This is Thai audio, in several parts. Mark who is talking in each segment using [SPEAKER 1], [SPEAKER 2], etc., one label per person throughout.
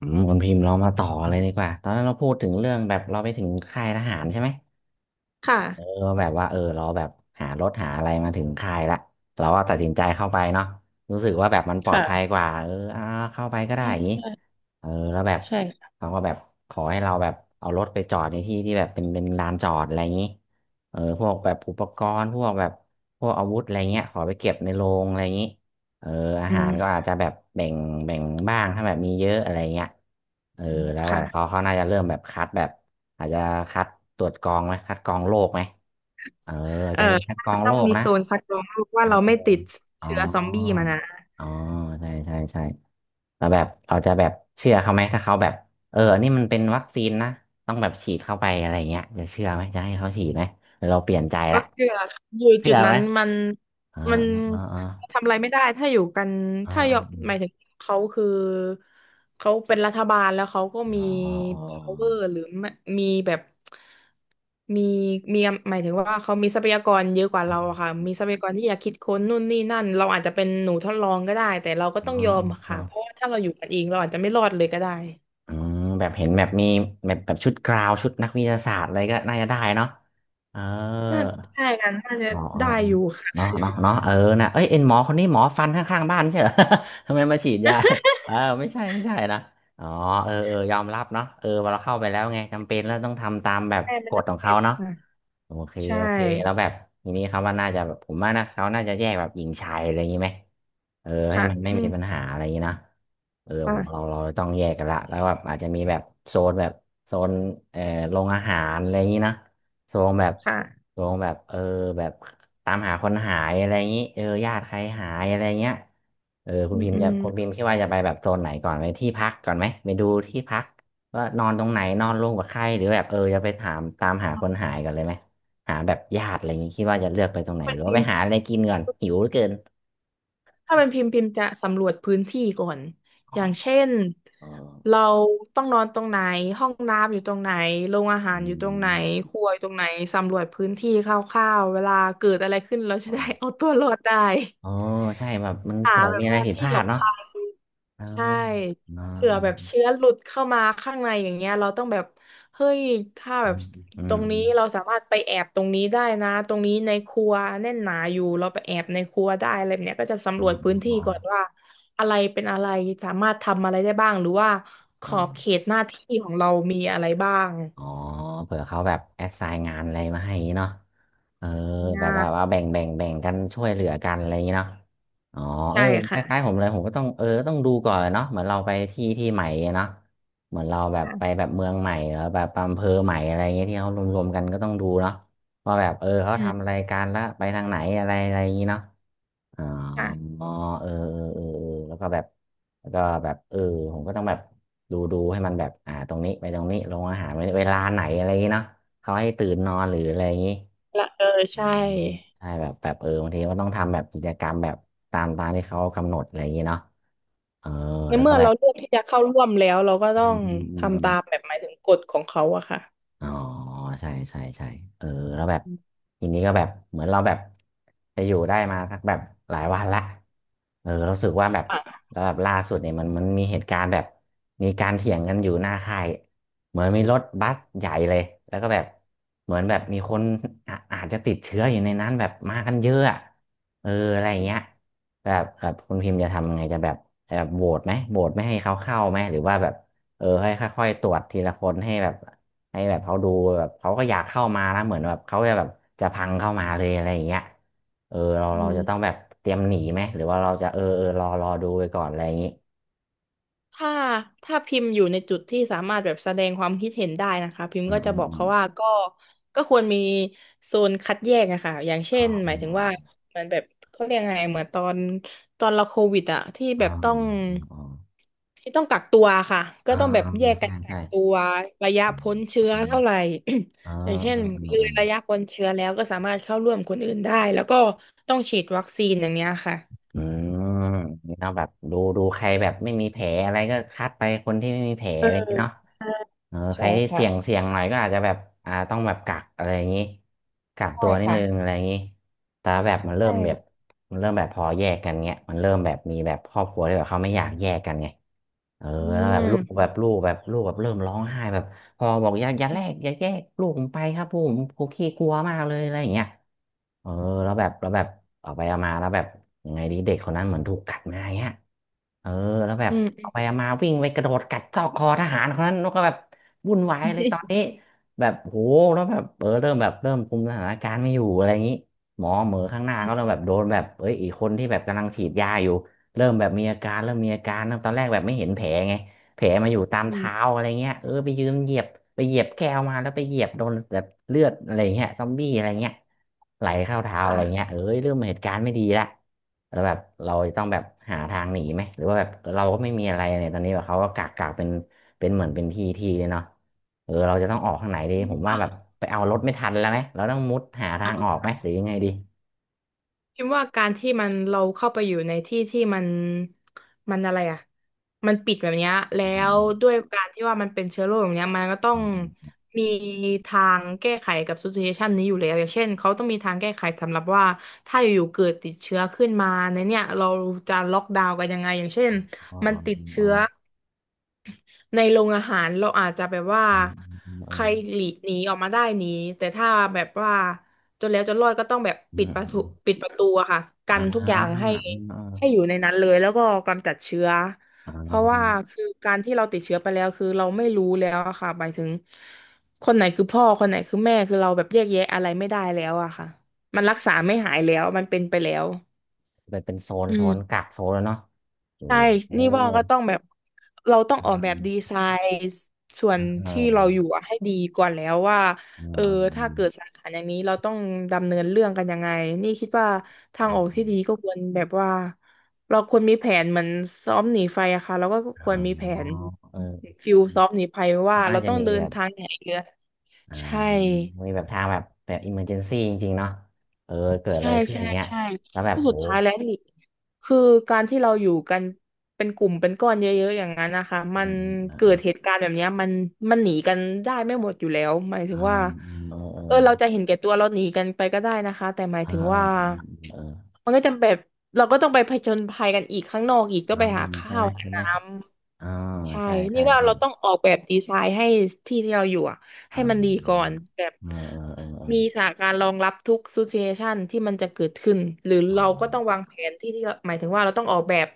[SPEAKER 1] คุณพิมพ์เรามาต่อกันเลยดีกว่าตอนนั้นเราพูดถึงเรื่องแบบเราไปถึงค่ายทหารใช่ไหม
[SPEAKER 2] ค่ะ
[SPEAKER 1] เออแบบว่าเราแบบหารถหาอะไรมาถึงค่ายละเราก็ตัดสินใจเข้าไปเนาะรู้สึกว่าแบบมันปลอดภัย
[SPEAKER 2] ค่ะ
[SPEAKER 1] กว่าเข้าไปก็ได้
[SPEAKER 2] ใช่
[SPEAKER 1] อย่างนี้
[SPEAKER 2] ใช่
[SPEAKER 1] เออแล้วแบบ
[SPEAKER 2] ใช่
[SPEAKER 1] เขาก็แบบขอให้เราแบบเอารถไปจอดในที่ที่แบบเป็นลานจอดอะไรอย่างนี้เออพวกแบบอุปกรณ์พวกแบบพวกอาวุธอะไรเงี้ยขอไปเก็บในโรงอะไรอย่างนี้ เอออา
[SPEAKER 2] อื
[SPEAKER 1] หารก็
[SPEAKER 2] ม
[SPEAKER 1] อาจจะแบบแบ่งแบ่งบ้างถ้าแบบมีเยอะอะไรเงี้ยเออแล้วแบบเขา
[SPEAKER 2] ค่ะ
[SPEAKER 1] เขาน่าจะเริ่มแบบคัดแบบอาจจะคัดตรวจกรองไหมคัดกรองโรคไหมเอออาจ
[SPEAKER 2] เอ่อ
[SPEAKER 1] จะมีคัดก
[SPEAKER 2] น่า
[SPEAKER 1] รอ
[SPEAKER 2] จะ
[SPEAKER 1] ง
[SPEAKER 2] ต้
[SPEAKER 1] โร
[SPEAKER 2] อง
[SPEAKER 1] ค
[SPEAKER 2] มี
[SPEAKER 1] นะ
[SPEAKER 2] โซนคัดกรองโรค
[SPEAKER 1] เอ
[SPEAKER 2] ว่า
[SPEAKER 1] อ
[SPEAKER 2] เราไม่ติด
[SPEAKER 1] อ๋อ
[SPEAKER 2] เชื้อซอมบี้มานะ
[SPEAKER 1] อ๋อใช่ใช่ใช่แล้วแบบเราจะแบบเชื่อเขาไหมถ้าเขาแบบเอออันนี่มันเป็นวัคซีนนะต้องแบบฉีดเข้าไปอะไรเงี้ยจะเชื่อไหมจะให้เขาฉีดไหมหรือเราเปลี่ยนใจละ
[SPEAKER 2] อยู่
[SPEAKER 1] เชื่
[SPEAKER 2] จุ
[SPEAKER 1] อ
[SPEAKER 2] ด
[SPEAKER 1] ไห
[SPEAKER 2] นั้
[SPEAKER 1] ม
[SPEAKER 2] นมัน
[SPEAKER 1] อ่า
[SPEAKER 2] มัน
[SPEAKER 1] อ่าอ่า
[SPEAKER 2] ทำอะไรไม่ได้ถ้าอยู่กัน
[SPEAKER 1] อ่า
[SPEAKER 2] ถ้าย
[SPEAKER 1] อา
[SPEAKER 2] อมหมายถึงเขาคือเขาเป็นรัฐบาลแล้วเขาก็มี
[SPEAKER 1] อ๋ออ๋อ
[SPEAKER 2] power หรือไม่มีแบบมีมีหมายถึงว่าเขามีทรัพยากรเยอะกว่าเราอะค่ะมีทรัพยากรที่อยากคิดค้นนู่นนี่นั่นเราอาจจะเป็นหนูทดลองก็ได้แต่เราก็
[SPEAKER 1] อ๋
[SPEAKER 2] ต้
[SPEAKER 1] อ
[SPEAKER 2] องยอม
[SPEAKER 1] อ๋อ
[SPEAKER 2] ค่ะเพราะว่าถ้าเราอยู่กันเองเราอาจจะไม่รอดเลยก็ได้
[SPEAKER 1] อืมแบบเห็นแบบมีแบบแบบชุดกราวชุดนักวิทยาศาสตร์อะไรก็น่าจะได้เนาะเออ
[SPEAKER 2] น่าใช่กันน่าจะ
[SPEAKER 1] อ๋ออ๋อ
[SPEAKER 2] ได้
[SPEAKER 1] อ๋อ
[SPEAKER 2] อยู่
[SPEAKER 1] เนาะ
[SPEAKER 2] ค่ะ
[SPEAKER 1] เนาะเนาะเออนะเอ้ยเอ็นหมอคนนี้หมอฟันข้างๆบ้านไม่ใช่เหรอ ทำไมมาฉีดยาเออไม่ใช่ไม่ใช่นะอ๋อเออเออยอมรับเนาะเออพอเราเข้าไปแล้วไงจำเป็นแล้วต้องทำตามแบ บ
[SPEAKER 2] ใช่
[SPEAKER 1] ก
[SPEAKER 2] มัน
[SPEAKER 1] ฎ
[SPEAKER 2] จะ
[SPEAKER 1] ของ
[SPEAKER 2] เป็
[SPEAKER 1] เขา
[SPEAKER 2] น
[SPEAKER 1] เนาะ
[SPEAKER 2] ค่ะ
[SPEAKER 1] โอเค
[SPEAKER 2] ใช่
[SPEAKER 1] โอเคแล้วแบบทีนี้เขาว่าน่าจะแบบผมว่านะเขาน่าจะแยกแบบหญิงชายอะไรอย่างนี้ไหมเออให้
[SPEAKER 2] ค่ะ
[SPEAKER 1] มันไม่
[SPEAKER 2] อื
[SPEAKER 1] มี
[SPEAKER 2] ม
[SPEAKER 1] ปัญหาอะไรอย่างนี้นะเออผมเรา
[SPEAKER 2] ค่ะ
[SPEAKER 1] เราต้องแยกกันละแล้วแบบอาจจะมีแบบโซนแบบโซนเอ่อโรงอาหารอะไรอย่างนี้นะโซนแบบ
[SPEAKER 2] ค่ะ
[SPEAKER 1] โซนแบบเออแบบตามหาคนหายอะไรอย่างนี้เออญาติใครหายอะไรเงี้ยเออคุ
[SPEAKER 2] อื
[SPEAKER 1] ณ
[SPEAKER 2] ม
[SPEAKER 1] พิมพ์
[SPEAKER 2] อื
[SPEAKER 1] จะ
[SPEAKER 2] ม
[SPEAKER 1] คุณพิมพ์คิดว่าจะไปแบบโซนไหนก่อนไปที่พักก่อนไหมไปดูที่พักว่านอนตรงไหนนอนร่วมกับใครหรือแบบเออจะไปถามตามหาคนหายกันเลยไหม หาแบบญาติอะไรอย่างงี้คิดว่าจะเลือกไปตรงไห
[SPEAKER 2] ถ้า
[SPEAKER 1] น
[SPEAKER 2] เป็
[SPEAKER 1] หรื
[SPEAKER 2] น
[SPEAKER 1] อว่า
[SPEAKER 2] พิม
[SPEAKER 1] ไป
[SPEAKER 2] พ์
[SPEAKER 1] หาอะไรกินก่อนหิวเหลือเกิน
[SPEAKER 2] ถ้าเป็นพิมพ์พิมพ์จะสำรวจพื้นที่ก่อน
[SPEAKER 1] อ๋อ
[SPEAKER 2] อย่างเช่น
[SPEAKER 1] อ๋
[SPEAKER 2] เรา
[SPEAKER 1] อ
[SPEAKER 2] ต้องนอนตรงไหนห้องน้ำอยู่ตรงไหนโรงอาหา
[SPEAKER 1] อื
[SPEAKER 2] รอยู่ตรง
[SPEAKER 1] ม
[SPEAKER 2] ไหนครัวอยู่ตรงไหนสำรวจพื้นที่คร่าวๆเวลาเกิดอะไรขึ้นเราจะ
[SPEAKER 1] อ๋อ
[SPEAKER 2] ได้ เอาตัวรอดได้
[SPEAKER 1] อ๋อใช่แบบมัน
[SPEAKER 2] หา
[SPEAKER 1] เผื่อ
[SPEAKER 2] แบ
[SPEAKER 1] มี
[SPEAKER 2] บ
[SPEAKER 1] อะไร
[SPEAKER 2] ว่า
[SPEAKER 1] ผิดพ
[SPEAKER 2] ที่
[SPEAKER 1] ลา
[SPEAKER 2] หล
[SPEAKER 1] ด
[SPEAKER 2] บ
[SPEAKER 1] เนาะ
[SPEAKER 2] ภัย
[SPEAKER 1] เออ
[SPEAKER 2] ใช่
[SPEAKER 1] อ๋อ
[SPEAKER 2] เผื่อแบบเชื้อหลุดเข้ามาข้างในอย่างเงี้ยเราต้องแบบเฮ้ยถ้า
[SPEAKER 1] อื
[SPEAKER 2] แบบ
[SPEAKER 1] มอื
[SPEAKER 2] ตร
[SPEAKER 1] ม
[SPEAKER 2] งนี้เราสามารถไปแอบตรงนี้ได้นะตรงนี้ในครัวแน่นหนาอยู่เราไปแอบในครัวได้อะไรแบบเนี้ยก็จะ
[SPEAKER 1] อื
[SPEAKER 2] สำรว
[SPEAKER 1] ม
[SPEAKER 2] จ
[SPEAKER 1] อื
[SPEAKER 2] พื้น
[SPEAKER 1] ม
[SPEAKER 2] ที่
[SPEAKER 1] อื
[SPEAKER 2] ก่อน
[SPEAKER 1] ม
[SPEAKER 2] ว่าอะไรเป็นอะไรสามารถทำอะไรได้บ้างหรือว่าข
[SPEAKER 1] อื
[SPEAKER 2] อบเข
[SPEAKER 1] ม
[SPEAKER 2] ตหน้าที่ของเรามีอะไรบ้าง
[SPEAKER 1] อ๋อเผื่อเขาแบบแอสไซน์งานอะไรมาให้อย่างงี้เนาะเออแบ
[SPEAKER 2] งา
[SPEAKER 1] บว่า
[SPEAKER 2] น
[SPEAKER 1] ว่าแบ่งแบ่งแบ่งกันช่วยเหลือกันอะไรอย่างงี้เนาะอ๋อเอ
[SPEAKER 2] ใช่
[SPEAKER 1] อค
[SPEAKER 2] ค่ะ
[SPEAKER 1] ล้ายๆผมเลยผมก็ต้องเออต้องดูก่อนเนาะเหมือนเราไปที่ที่ใหม่เนาะเหมือนเราแบบไป
[SPEAKER 2] ค่ะ
[SPEAKER 1] แบบเมืองใหม่หรือแบบอำเภอใหม่อะไรอย่างเงี้ยที่เขารวมๆกันก็ต้องดูเนาะว่าแบบเออเขา
[SPEAKER 2] อื
[SPEAKER 1] ทำ
[SPEAKER 2] ม
[SPEAKER 1] อะไรกันแล้วไปทางไหนอะไรอะไรอย่างงี้เนาะ อ
[SPEAKER 2] ค่ะ
[SPEAKER 1] ๋อเออเออเออเออแล้วก็แบบแล้วก็แบบเออผมก็ต้องแบบดูให้มันแบบตรงนี้ไปตรงนี้ลงอาหารเวลาไหนอะไรอย่างงี้เนาะเขาให้ตื่นนอนหรืออะไรอย่างงี้
[SPEAKER 2] ละเออ
[SPEAKER 1] อื
[SPEAKER 2] ใช่
[SPEAKER 1] มใช่แบบแบบเออบางทีก็ต้องทำแบบกิจกรรมแบบตามที่เขากำหนดอะไรอย่างงี้เนาะเออ
[SPEAKER 2] ใน
[SPEAKER 1] แล้วก็
[SPEAKER 2] เมื่อ
[SPEAKER 1] แบ
[SPEAKER 2] เรา
[SPEAKER 1] บ
[SPEAKER 2] เลือกที่จะเข้าร่วมแล้วเราก็ต้อ
[SPEAKER 1] อื
[SPEAKER 2] ง
[SPEAKER 1] มอืมอื
[SPEAKER 2] ทำ
[SPEAKER 1] ม
[SPEAKER 2] ตามแบบหมายถึงกฎของเขาอะค่ะ
[SPEAKER 1] อ๋อใช่ใช่ใช่เออแล้วแบบทีนี้ก็แบบเหมือนเราแบบจะอยู่ได้มาสักแบบหลายวันละเออเรารู้สึกว่าแบบ
[SPEAKER 2] ค่ะ
[SPEAKER 1] แล้วแบบล่าสุดเนี่ยมันมีเหตุการณ์แบบมีการเถียงกันอยู่หน้าค่ายเหมือนมีรถบัสใหญ่เลยแล้วก็แบบเหมือนแบบมีคนอาจจะติดเชื้ออยู่ในนั้นแบบมากันเยอะอะเอออะไรอย่างเงี้ยแบบแบบคุณพิมพ์จะทำยังไงจะแบบแบบโหวตไหมโหวตไม่ให้เขาเข้าไหมหรือว่าแบบเออให้ค่อยๆตรวจทีละคนให้แบบ ให้แบบเขาดูแบบเขาก็อยากเข้ามาแล้วเหมือนแบบเขาจะแบบจะพังเข้ามาเลยอะไรอย่างเงี้ยเออเรา
[SPEAKER 2] อื
[SPEAKER 1] เราจะ
[SPEAKER 2] ม
[SPEAKER 1] ต้องแบบเตรียมหนีไหมหรือว่าเราจะเออเออรอดูไปก่อนอะไรอย่างงี้
[SPEAKER 2] ถ้าถ้าพิมพ์อยู่ในจุดที่สามารถแบบแสดงความคิดเห็นได้นะคะพิมพ์
[SPEAKER 1] อืม
[SPEAKER 2] ก็
[SPEAKER 1] อื
[SPEAKER 2] จะ
[SPEAKER 1] ม
[SPEAKER 2] บอก
[SPEAKER 1] อืม
[SPEAKER 2] เขาว่าก็ควรมีโซนคัดแยกนะคะอย่างเช่
[SPEAKER 1] อ๋อ
[SPEAKER 2] นหมายถึงว่าเหมันแบบเขาเรียกไงเหมือนตอนเราโควิดอะที่
[SPEAKER 1] อ๋อ
[SPEAKER 2] แบบต้อง
[SPEAKER 1] อืมอมอืม
[SPEAKER 2] ที่ต้องกักตัวค่ะ
[SPEAKER 1] อ
[SPEAKER 2] ก็
[SPEAKER 1] อื
[SPEAKER 2] ต้
[SPEAKER 1] ม
[SPEAKER 2] องแบ
[SPEAKER 1] อ๋อ
[SPEAKER 2] บ
[SPEAKER 1] อ๋อ
[SPEAKER 2] แยก
[SPEAKER 1] อ๋อ
[SPEAKER 2] กั
[SPEAKER 1] ใช่
[SPEAKER 2] นกั
[SPEAKER 1] ใช่
[SPEAKER 2] กตัวระยะ
[SPEAKER 1] อืม
[SPEAKER 2] พ้นเชื้อ
[SPEAKER 1] อืม
[SPEAKER 2] เท่าไหร่ อย่างเช่น
[SPEAKER 1] อืม
[SPEAKER 2] เล
[SPEAKER 1] อื
[SPEAKER 2] ย
[SPEAKER 1] อม
[SPEAKER 2] ระยะพ้นเชื้อแล้วก็สามารถเข้าร่วมคนอื่นได้แล้วก็ต้องฉีดวัคซีนอย่างเนี้ยค่ะ
[SPEAKER 1] อืมนี่เนาะแบบดูใครแบบไม่มีแผลอะไรก็คัดไปคนที่ไม่มีแผล
[SPEAKER 2] เออ
[SPEAKER 1] อะไรอย่างงี้เนาะ
[SPEAKER 2] ใช่
[SPEAKER 1] เออใค
[SPEAKER 2] ใช่
[SPEAKER 1] รที่เสี่ยงเสี่
[SPEAKER 2] ค่ะ
[SPEAKER 1] ยงหน่อยก็อาจจะแบบต้องแบบกักอะไรอย่างงี้กัก
[SPEAKER 2] ใช่
[SPEAKER 1] ตัวนิด
[SPEAKER 2] ค่ะ
[SPEAKER 1] นึงอะไรอย่างงี้แต่แบบมัน
[SPEAKER 2] ใช
[SPEAKER 1] เริ่มแบบ
[SPEAKER 2] ่
[SPEAKER 1] มันเริ่มแบบพอแยกกันเงี้ยมันเริ่มแบบมีแบบครอบครัวที่แบบเขาไม่อยากแยกกันไงเออ
[SPEAKER 2] อื
[SPEAKER 1] แล้วแบบลูกแบ
[SPEAKER 2] ม
[SPEAKER 1] บลูกแบบลูกแบบเริ่มร้องไห้แบบพอบอกอย่าแยกลูกผมไปครับลูกผมผมขี้กลัวมากเลยอะไรอย่างเงี้ย เออแล้วแบบแล้วแบบเอาไปเอามาแล้วแบบยังไงดีเด็กคนนั้นเหมือนถูกกัดมาอย่างเงี้ยเออแล้วแบ
[SPEAKER 2] อื
[SPEAKER 1] บเอา
[SPEAKER 2] ม
[SPEAKER 1] ไปเอามาวิ่งไปกระโดดกัดซอกคอทหารคนนั้นแล้วก็แบบวุ่นวาย
[SPEAKER 2] อื
[SPEAKER 1] เลยตอน
[SPEAKER 2] ม
[SPEAKER 1] นี้แบบโหแล้วแบบเออเริ่มแบบเริ่มคุมสถานการณ์ไม่อยู่อะไรอย่างนี้หมอข้างหน้าก็เริ่มแบบโดนแบบเอ้ยอีกคนที่แบบกำลังฉีดยาอยู่เริ่มแบบมีอาการเริ่มมีอาการเริ่มตอนแรกแบบไม่เห็นแผลไง แผลมาอยู่ตาม
[SPEAKER 2] อื
[SPEAKER 1] เท้า
[SPEAKER 2] ม
[SPEAKER 1] อะไรเงี้ยเออไปยืนเหยียบไปเหยียบแก้วมาแล้วไปเหยียบโดนแบบเลือดอะไรเงี้ยซอมบี้อะไรเงี้ยไหลเข้าเท้าอะไรเงี้
[SPEAKER 2] ค่ะ
[SPEAKER 1] ยเอ้ยเริ่มเหตุการณ์ไม่ดีละแล้วแบบเราจะต้องแบบหาทางหนีไหมหรือว่าแบบเราก็ไม่มีอะไรเนี่ยตอนนี้แบบเขาก็กักเป็นเหมือนเป็นที่ที่เลยเนาะเออเราจะต้องออกทางไหนดีผมว่าแบบไปเอารถไม่ทันแล้วไหมเราต้องมุดหาทางออกไหมหรือยังไงดี
[SPEAKER 2] พิมพ์ว่าการที่มันเราเข้าไปอยู่ในที่ที่มันอะไรอ่ะมันปิดแบบเนี้ยแล้
[SPEAKER 1] อ๋อ
[SPEAKER 2] วด้วยการที่ว่ามันเป็นเชื้อโรคแบบเนี้ยมันก็ต้อ
[SPEAKER 1] อ๋
[SPEAKER 2] ง
[SPEAKER 1] อ
[SPEAKER 2] มีทางแก้ไขกับซิทูเอชันนี้อยู่แล้วอย่างเช่นเขาต้องมีทางแก้ไขสำหรับว่าถ้าอยู่ๆเกิดติดเชื้อขึ้นมาในเนี่ยเราจะล็อกดาวน์กันยังไงอย่างเช่น
[SPEAKER 1] อ๋อ
[SPEAKER 2] มั
[SPEAKER 1] อ๋
[SPEAKER 2] น
[SPEAKER 1] อ
[SPEAKER 2] ติด
[SPEAKER 1] อ๋อ
[SPEAKER 2] เชื้อ ในโรงอาหารเราอาจจะแบบว่า
[SPEAKER 1] อ๋ออ๋ออ๋อ
[SPEAKER 2] ใค
[SPEAKER 1] อ๋อ
[SPEAKER 2] รหลีกหนีออกมาได้หนีแต่ถ้าแบบว่าจนแล้วจนรอดก็ต้องแบบ
[SPEAKER 1] อื
[SPEAKER 2] ปิด
[SPEAKER 1] ม
[SPEAKER 2] ประ
[SPEAKER 1] อืม
[SPEAKER 2] ตู
[SPEAKER 1] อืม
[SPEAKER 2] อะค่ะกั
[SPEAKER 1] อ่า
[SPEAKER 2] นทุกอย่าง
[SPEAKER 1] อืม
[SPEAKER 2] ให้
[SPEAKER 1] อ่า
[SPEAKER 2] ให้อยู่ในนั้นเลยแล้วก็กำจัดเชื้อ
[SPEAKER 1] อ่
[SPEAKER 2] เพราะว่า
[SPEAKER 1] า
[SPEAKER 2] คือการที่เราติดเชื้อไปแล้วคือเราไม่รู้แล้วอะค่ะหมายถึงคนไหนคือพ่อคนไหนคือแม่คือเราแบบแยกแยะอะไรไม่ได้แล้วอะค่ะมันรักษาไม่หายแล้วมันเป็นไปแล้ว
[SPEAKER 1] ไปนเป็นโซน
[SPEAKER 2] อื
[SPEAKER 1] โซนกั
[SPEAKER 2] ม
[SPEAKER 1] กโซนแล้วเนาะโอ้
[SPEAKER 2] ใช่
[SPEAKER 1] โห
[SPEAKER 2] นี่ว่าก็ต้องแบบเราต้อง
[SPEAKER 1] อื
[SPEAKER 2] ออกแบบ
[SPEAKER 1] ม
[SPEAKER 2] ดีไซน์ส่วน
[SPEAKER 1] อ่าอ่า
[SPEAKER 2] ที่เราอยู่อะให้ดีก่อนแล้วว่า
[SPEAKER 1] อ่
[SPEAKER 2] เออถ้า
[SPEAKER 1] า
[SPEAKER 2] เกิดสาขาอย่างนี้เราต้องดำเนินเรื่องกันยังไงนี่คิดว่าทาง
[SPEAKER 1] อ่า
[SPEAKER 2] ออกที่ดีก็ควรแบบว่าเราควรมีแผนเหมือนซ้อมหนีไฟอะค่ะเราก็ค
[SPEAKER 1] อ่า
[SPEAKER 2] วรมีแผ
[SPEAKER 1] อ๋อ
[SPEAKER 2] น
[SPEAKER 1] เออ
[SPEAKER 2] ฟิลซ้อมหนีไฟว่า
[SPEAKER 1] เขา
[SPEAKER 2] เรา
[SPEAKER 1] น่าจะ
[SPEAKER 2] ต้อง
[SPEAKER 1] มี
[SPEAKER 2] เดิ
[SPEAKER 1] แบ
[SPEAKER 2] น
[SPEAKER 1] บ
[SPEAKER 2] ทางไหนเรือ
[SPEAKER 1] อ่า
[SPEAKER 2] ใช่
[SPEAKER 1] มีแบบทางแบบแบบอิมเมอร์เจนซี่จริงๆเนาะเออเกิดอะ
[SPEAKER 2] ใช่
[SPEAKER 1] ไรขึ้น
[SPEAKER 2] ใช่
[SPEAKER 1] เงี้ย
[SPEAKER 2] ใช่
[SPEAKER 1] แล้วแบบ
[SPEAKER 2] ก็สุ
[SPEAKER 1] โห
[SPEAKER 2] ดท้ายแล้วนี่คือการที่เราอยู่กันเป็นกลุ่มเป็นก้อนเยอะๆอย่างนั้นนะคะมั
[SPEAKER 1] อ่า
[SPEAKER 2] น
[SPEAKER 1] อ่า
[SPEAKER 2] เกิ
[SPEAKER 1] อ่
[SPEAKER 2] ดเหตุการณ์แบบเนี้ยมันหนีกันได้ไม่หมดอยู่แล้วหมายถึงว่า
[SPEAKER 1] าเออเอ
[SPEAKER 2] เออเรา
[SPEAKER 1] อ
[SPEAKER 2] จะเห็นแก่ตัวเราหนีกันไปก็ได้นะคะแต่หมาย
[SPEAKER 1] อ่า
[SPEAKER 2] ถึงว่า
[SPEAKER 1] เออ
[SPEAKER 2] มันก็จะแบบเราก็ต้องไปผจญภัยกันอีกข้างนอกอีกต้อง
[SPEAKER 1] อ่า
[SPEAKER 2] ไปหา
[SPEAKER 1] ใช่
[SPEAKER 2] ข้า
[SPEAKER 1] ไหม
[SPEAKER 2] วหา
[SPEAKER 1] ใช่ไหม
[SPEAKER 2] น้
[SPEAKER 1] อ่า
[SPEAKER 2] ำ ใช่
[SPEAKER 1] ใช่
[SPEAKER 2] นี่
[SPEAKER 1] ใช่
[SPEAKER 2] ว่า
[SPEAKER 1] ใช่
[SPEAKER 2] เราต้องออกแบบดีไซน์ให้ที่ที่เราอยู่อะ
[SPEAKER 1] อ่
[SPEAKER 2] ให้มันดีก่อ
[SPEAKER 1] า
[SPEAKER 2] นแบบ
[SPEAKER 1] เออเออเออเออ
[SPEAKER 2] มีสถานการณ์รองรับทุกซิเเอชันที่มันจะเกิดขึ้นหรือเราก็ต้องวางแผนที่ที่เราหมายถึงว่าเราต้องออกแบบ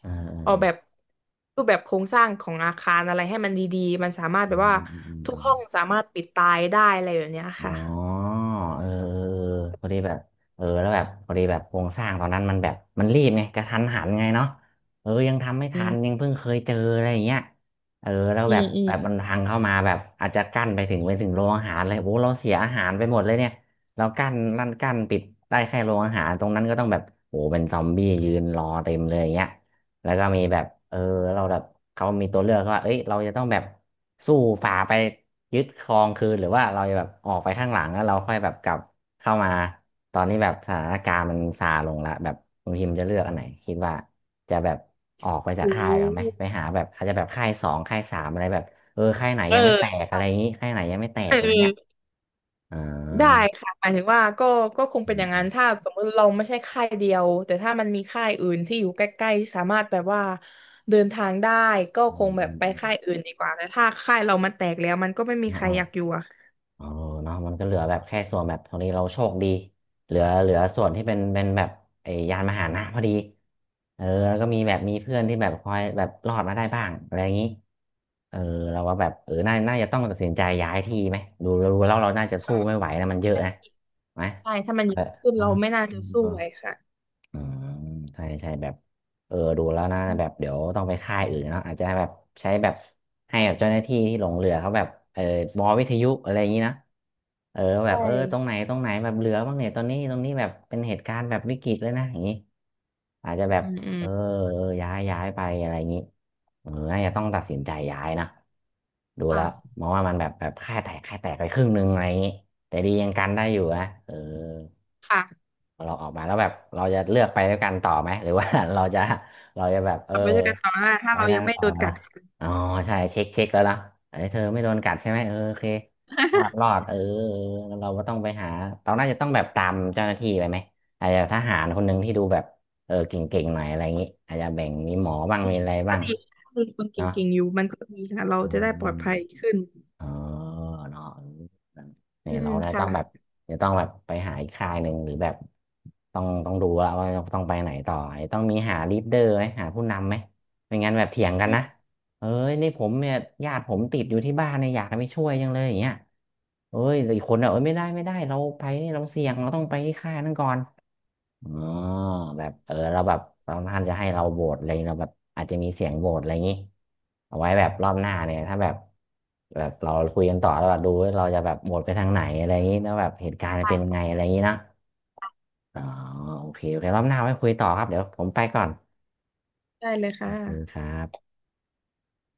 [SPEAKER 1] เออเอ
[SPEAKER 2] ออก
[SPEAKER 1] อ
[SPEAKER 2] แบบรูปแบบโครงสร้างของอาคารอะไรให้มันดีๆมันสามารถ
[SPEAKER 1] อื
[SPEAKER 2] แบบ
[SPEAKER 1] ม
[SPEAKER 2] ว่า
[SPEAKER 1] อืมอืม
[SPEAKER 2] ทุ
[SPEAKER 1] อ
[SPEAKER 2] ก
[SPEAKER 1] ม
[SPEAKER 2] ห้องสามารถปิดตายได้อะไรแบบเนี้ยค่ะ
[SPEAKER 1] อ๋อเออเออเออพอดีแบบเออแล้วแบบพอดีแบบโครงสร้างตอนนั้นมันแบบมันรีบไงกระทันหันไงเนาะเออยังทำไม่
[SPEAKER 2] อื
[SPEAKER 1] ทันยั
[SPEAKER 2] ม
[SPEAKER 1] งเพิ่งเคยเจออะไรอย่างเงี้ยเออแล้ว
[SPEAKER 2] อื
[SPEAKER 1] แบบ
[SPEAKER 2] มอืม
[SPEAKER 1] แบบมันพังเข้ามาแบบอาจจะกั้นไปถึงโรงอาหารเลยโอ้เราเสียอาหารไปหมดเลยเนี่ยเรากั้นลั่นกั้นปิดได้แค่โรงอาหารตรงนั้นก็ต้องแบบโอ้เป็นซอมบี้ยืนรอเต็มเลยอย่างเงี้ย แล้วก็มีแบบเออเราแบบเขามีตัวเลือกว่าเอ้ยเราจะต้องแบบสู้ฝ่าไปยึดครองคืนหรือว่าเราจะแบบออกไปข้างหลังแล้วเราค่อยแบบกลับเข้ามาตอนนี้แบบสถานการณ์มันซาลงละแบบคุณพิมพ์จะเลือกอันไหนคิดว่าจะแบบออกไปจากค่ายกันไหมไปหาแบบอาจจะแบบค่ายสองค่ายสามอะไรแบบเออค่ายไหนยังไม่แตกอะไรอย่างนี้ค่ายไหนยังไม่แตกอะไรเงี้ยอ่า
[SPEAKER 2] ได้ค่ะหมายถึงว่าก็คง
[SPEAKER 1] อื
[SPEAKER 2] เป็นอย่างนั้
[SPEAKER 1] ม
[SPEAKER 2] นถ้าสมมติเราไม่ใช่ค่ายเดียวแต่ถ้ามันมีค่ายอื่นที่อยู่ใกล้ๆที่สามารถแบบว่าเดินทางได้ก็
[SPEAKER 1] อื
[SPEAKER 2] คง
[SPEAKER 1] ม
[SPEAKER 2] แบ
[SPEAKER 1] อื
[SPEAKER 2] บ
[SPEAKER 1] ม
[SPEAKER 2] ไป
[SPEAKER 1] อืม
[SPEAKER 2] ค่ายอื่นดีกว่าแต่ถ้าค่ายเรามันแตกแล้วมันก็ไม่มี
[SPEAKER 1] อืม
[SPEAKER 2] ใครอยากอยู่อะ
[SPEAKER 1] เออเนาะมันก็เหลือแบบแค่ส่วนแบบตรงนี้เราโชคดีเหลือส่วนที่เป็นแบบไอ้ยานมหานะพอดีเออแล้วก็มีแบบมีเพื่อนที่แบบคอยแบบรอดมาได้บ้างอะไรอย่างนี้เออเราก็แบบเออน่าจะต้องตัดสินใจย้ายที่ไหมดูแล้วเราน่าจะสู้ไม่ไหวนะมันเยอะนะไหม
[SPEAKER 2] ใช่ถ้ามันเยอะขึ้น
[SPEAKER 1] เออ
[SPEAKER 2] เราไม่น่าจะสู้ไหวค่ะ
[SPEAKER 1] อืมใช่ใช่แบบเออดูแล้วนะแบบเดี๋ยวต้องไปค่ายอื่นเนาะอาจจะแบบใช้แบบให้แบบเจ้าหน้าที่ที่หลงเรือเขาแบบเออมอวิทยุอะไรอย่างนี้นะเออแบบ
[SPEAKER 2] ใช่
[SPEAKER 1] เออตรงไหนตรงไหนแบบเรือบ้างเนี่ยตอนนี้ตรงนี้แบบเป็นเหตุการณ์แบบวิกฤตเลยนะอย่างนี้อาจจะ
[SPEAKER 2] อื
[SPEAKER 1] แบบ
[SPEAKER 2] มอื
[SPEAKER 1] เอ
[SPEAKER 2] ม
[SPEAKER 1] อย้ายไปอะไรอย่างนี้เออน่าจะต้องตัดสินใจย้ายนะดูแล้
[SPEAKER 2] ค่ะ
[SPEAKER 1] วมองว่ามันแบบแบบค่ายแตกไปครึ่งหนึ่งอะไรอย่างนี้แต่ดียังกันได้อยู่นะเออ
[SPEAKER 2] ค่ะ
[SPEAKER 1] เราออกมาแล้วแบบเราจะเลือกไปด้วยกันต่อไหมหรือว่า เราจะ เราจะแบบเออ
[SPEAKER 2] เอาไปด้วยกันต่อได้ถ้า
[SPEAKER 1] ไป
[SPEAKER 2] เรา
[SPEAKER 1] กั
[SPEAKER 2] ยั
[SPEAKER 1] น
[SPEAKER 2] งไม่
[SPEAKER 1] ต่อ
[SPEAKER 2] โดน
[SPEAKER 1] ไห
[SPEAKER 2] กั
[SPEAKER 1] ระ
[SPEAKER 2] ด
[SPEAKER 1] อ๋อใช่เช็คแล้วนะไอ้ยเธอไม่โดนกัดใช่ไหมเออโอเครอด เออเออเราก็ต้องไปหาเราน่าจะต้องแบบตามเจ้าหน้าที่ไปไหมอาจจะทหารคนหนึ่งที่ดูแบบเออเก่งๆหน่อยอะไรอย่างงี้อาจจะแบ่งมีหมอบ้าง
[SPEAKER 2] ดี
[SPEAKER 1] มีอะไร
[SPEAKER 2] ก็
[SPEAKER 1] บ้าง
[SPEAKER 2] ดีก็ดีคนเก
[SPEAKER 1] เนาะ
[SPEAKER 2] ่งๆอยู่มันก็ดีค่ะเรา
[SPEAKER 1] อื
[SPEAKER 2] จะได้
[SPEAKER 1] ม
[SPEAKER 2] ปลอดภัยขึ้น
[SPEAKER 1] เออเนาะเอนี่
[SPEAKER 2] อื
[SPEAKER 1] ย
[SPEAKER 2] ม
[SPEAKER 1] เราเนี่ย
[SPEAKER 2] ค่ะ
[SPEAKER 1] ต้องแบบจะต้องแบบไปหาอีกค่ายหนึ่งหรือแบบต้องดูว่าต้องไปไหนต่อไอ้ต้องมีหาลีดเดอร์ไหมหาผู้นำไหมไม่งั้นแบบเถียงกันนะเอ้ยนี่ผมเนี่ยญาติผมติดอยู่ที่บ้านเนี่ยอยากให้ไปช่วยจังเลยอย่างเงี้ยเอ้ยแต่อีกคนอ่ะเอ้ยไม่ได้เราไปเนี่ยเราเสี่ยงเราต้องไปที่ค่ายนั้นก่อน อ๋อแบบเออเราแ้บบบางท่านจะให้เราโหวตอะไรองเราแบบอาจจะมีเสียงโหวตอะไรอย่างนี้เอาไว้แบบรอบหน้าเนี่ยถ้าแบบแบบเราคุยกันต่อแล้วแบบดูว่าเราจะแบบโหวตไปทางไหนอะไรอย่างนี้แล้วแบบเหตุการณ์จะเป็นยังไงอะไรอย่างนี้นะอ๋อโอเครอบหน้าไว้คุยต่อครับเดี๋ยวผมไปก่อน
[SPEAKER 2] ได้เลยค
[SPEAKER 1] ขอบคุณ
[SPEAKER 2] ่ะ
[SPEAKER 1] ครับ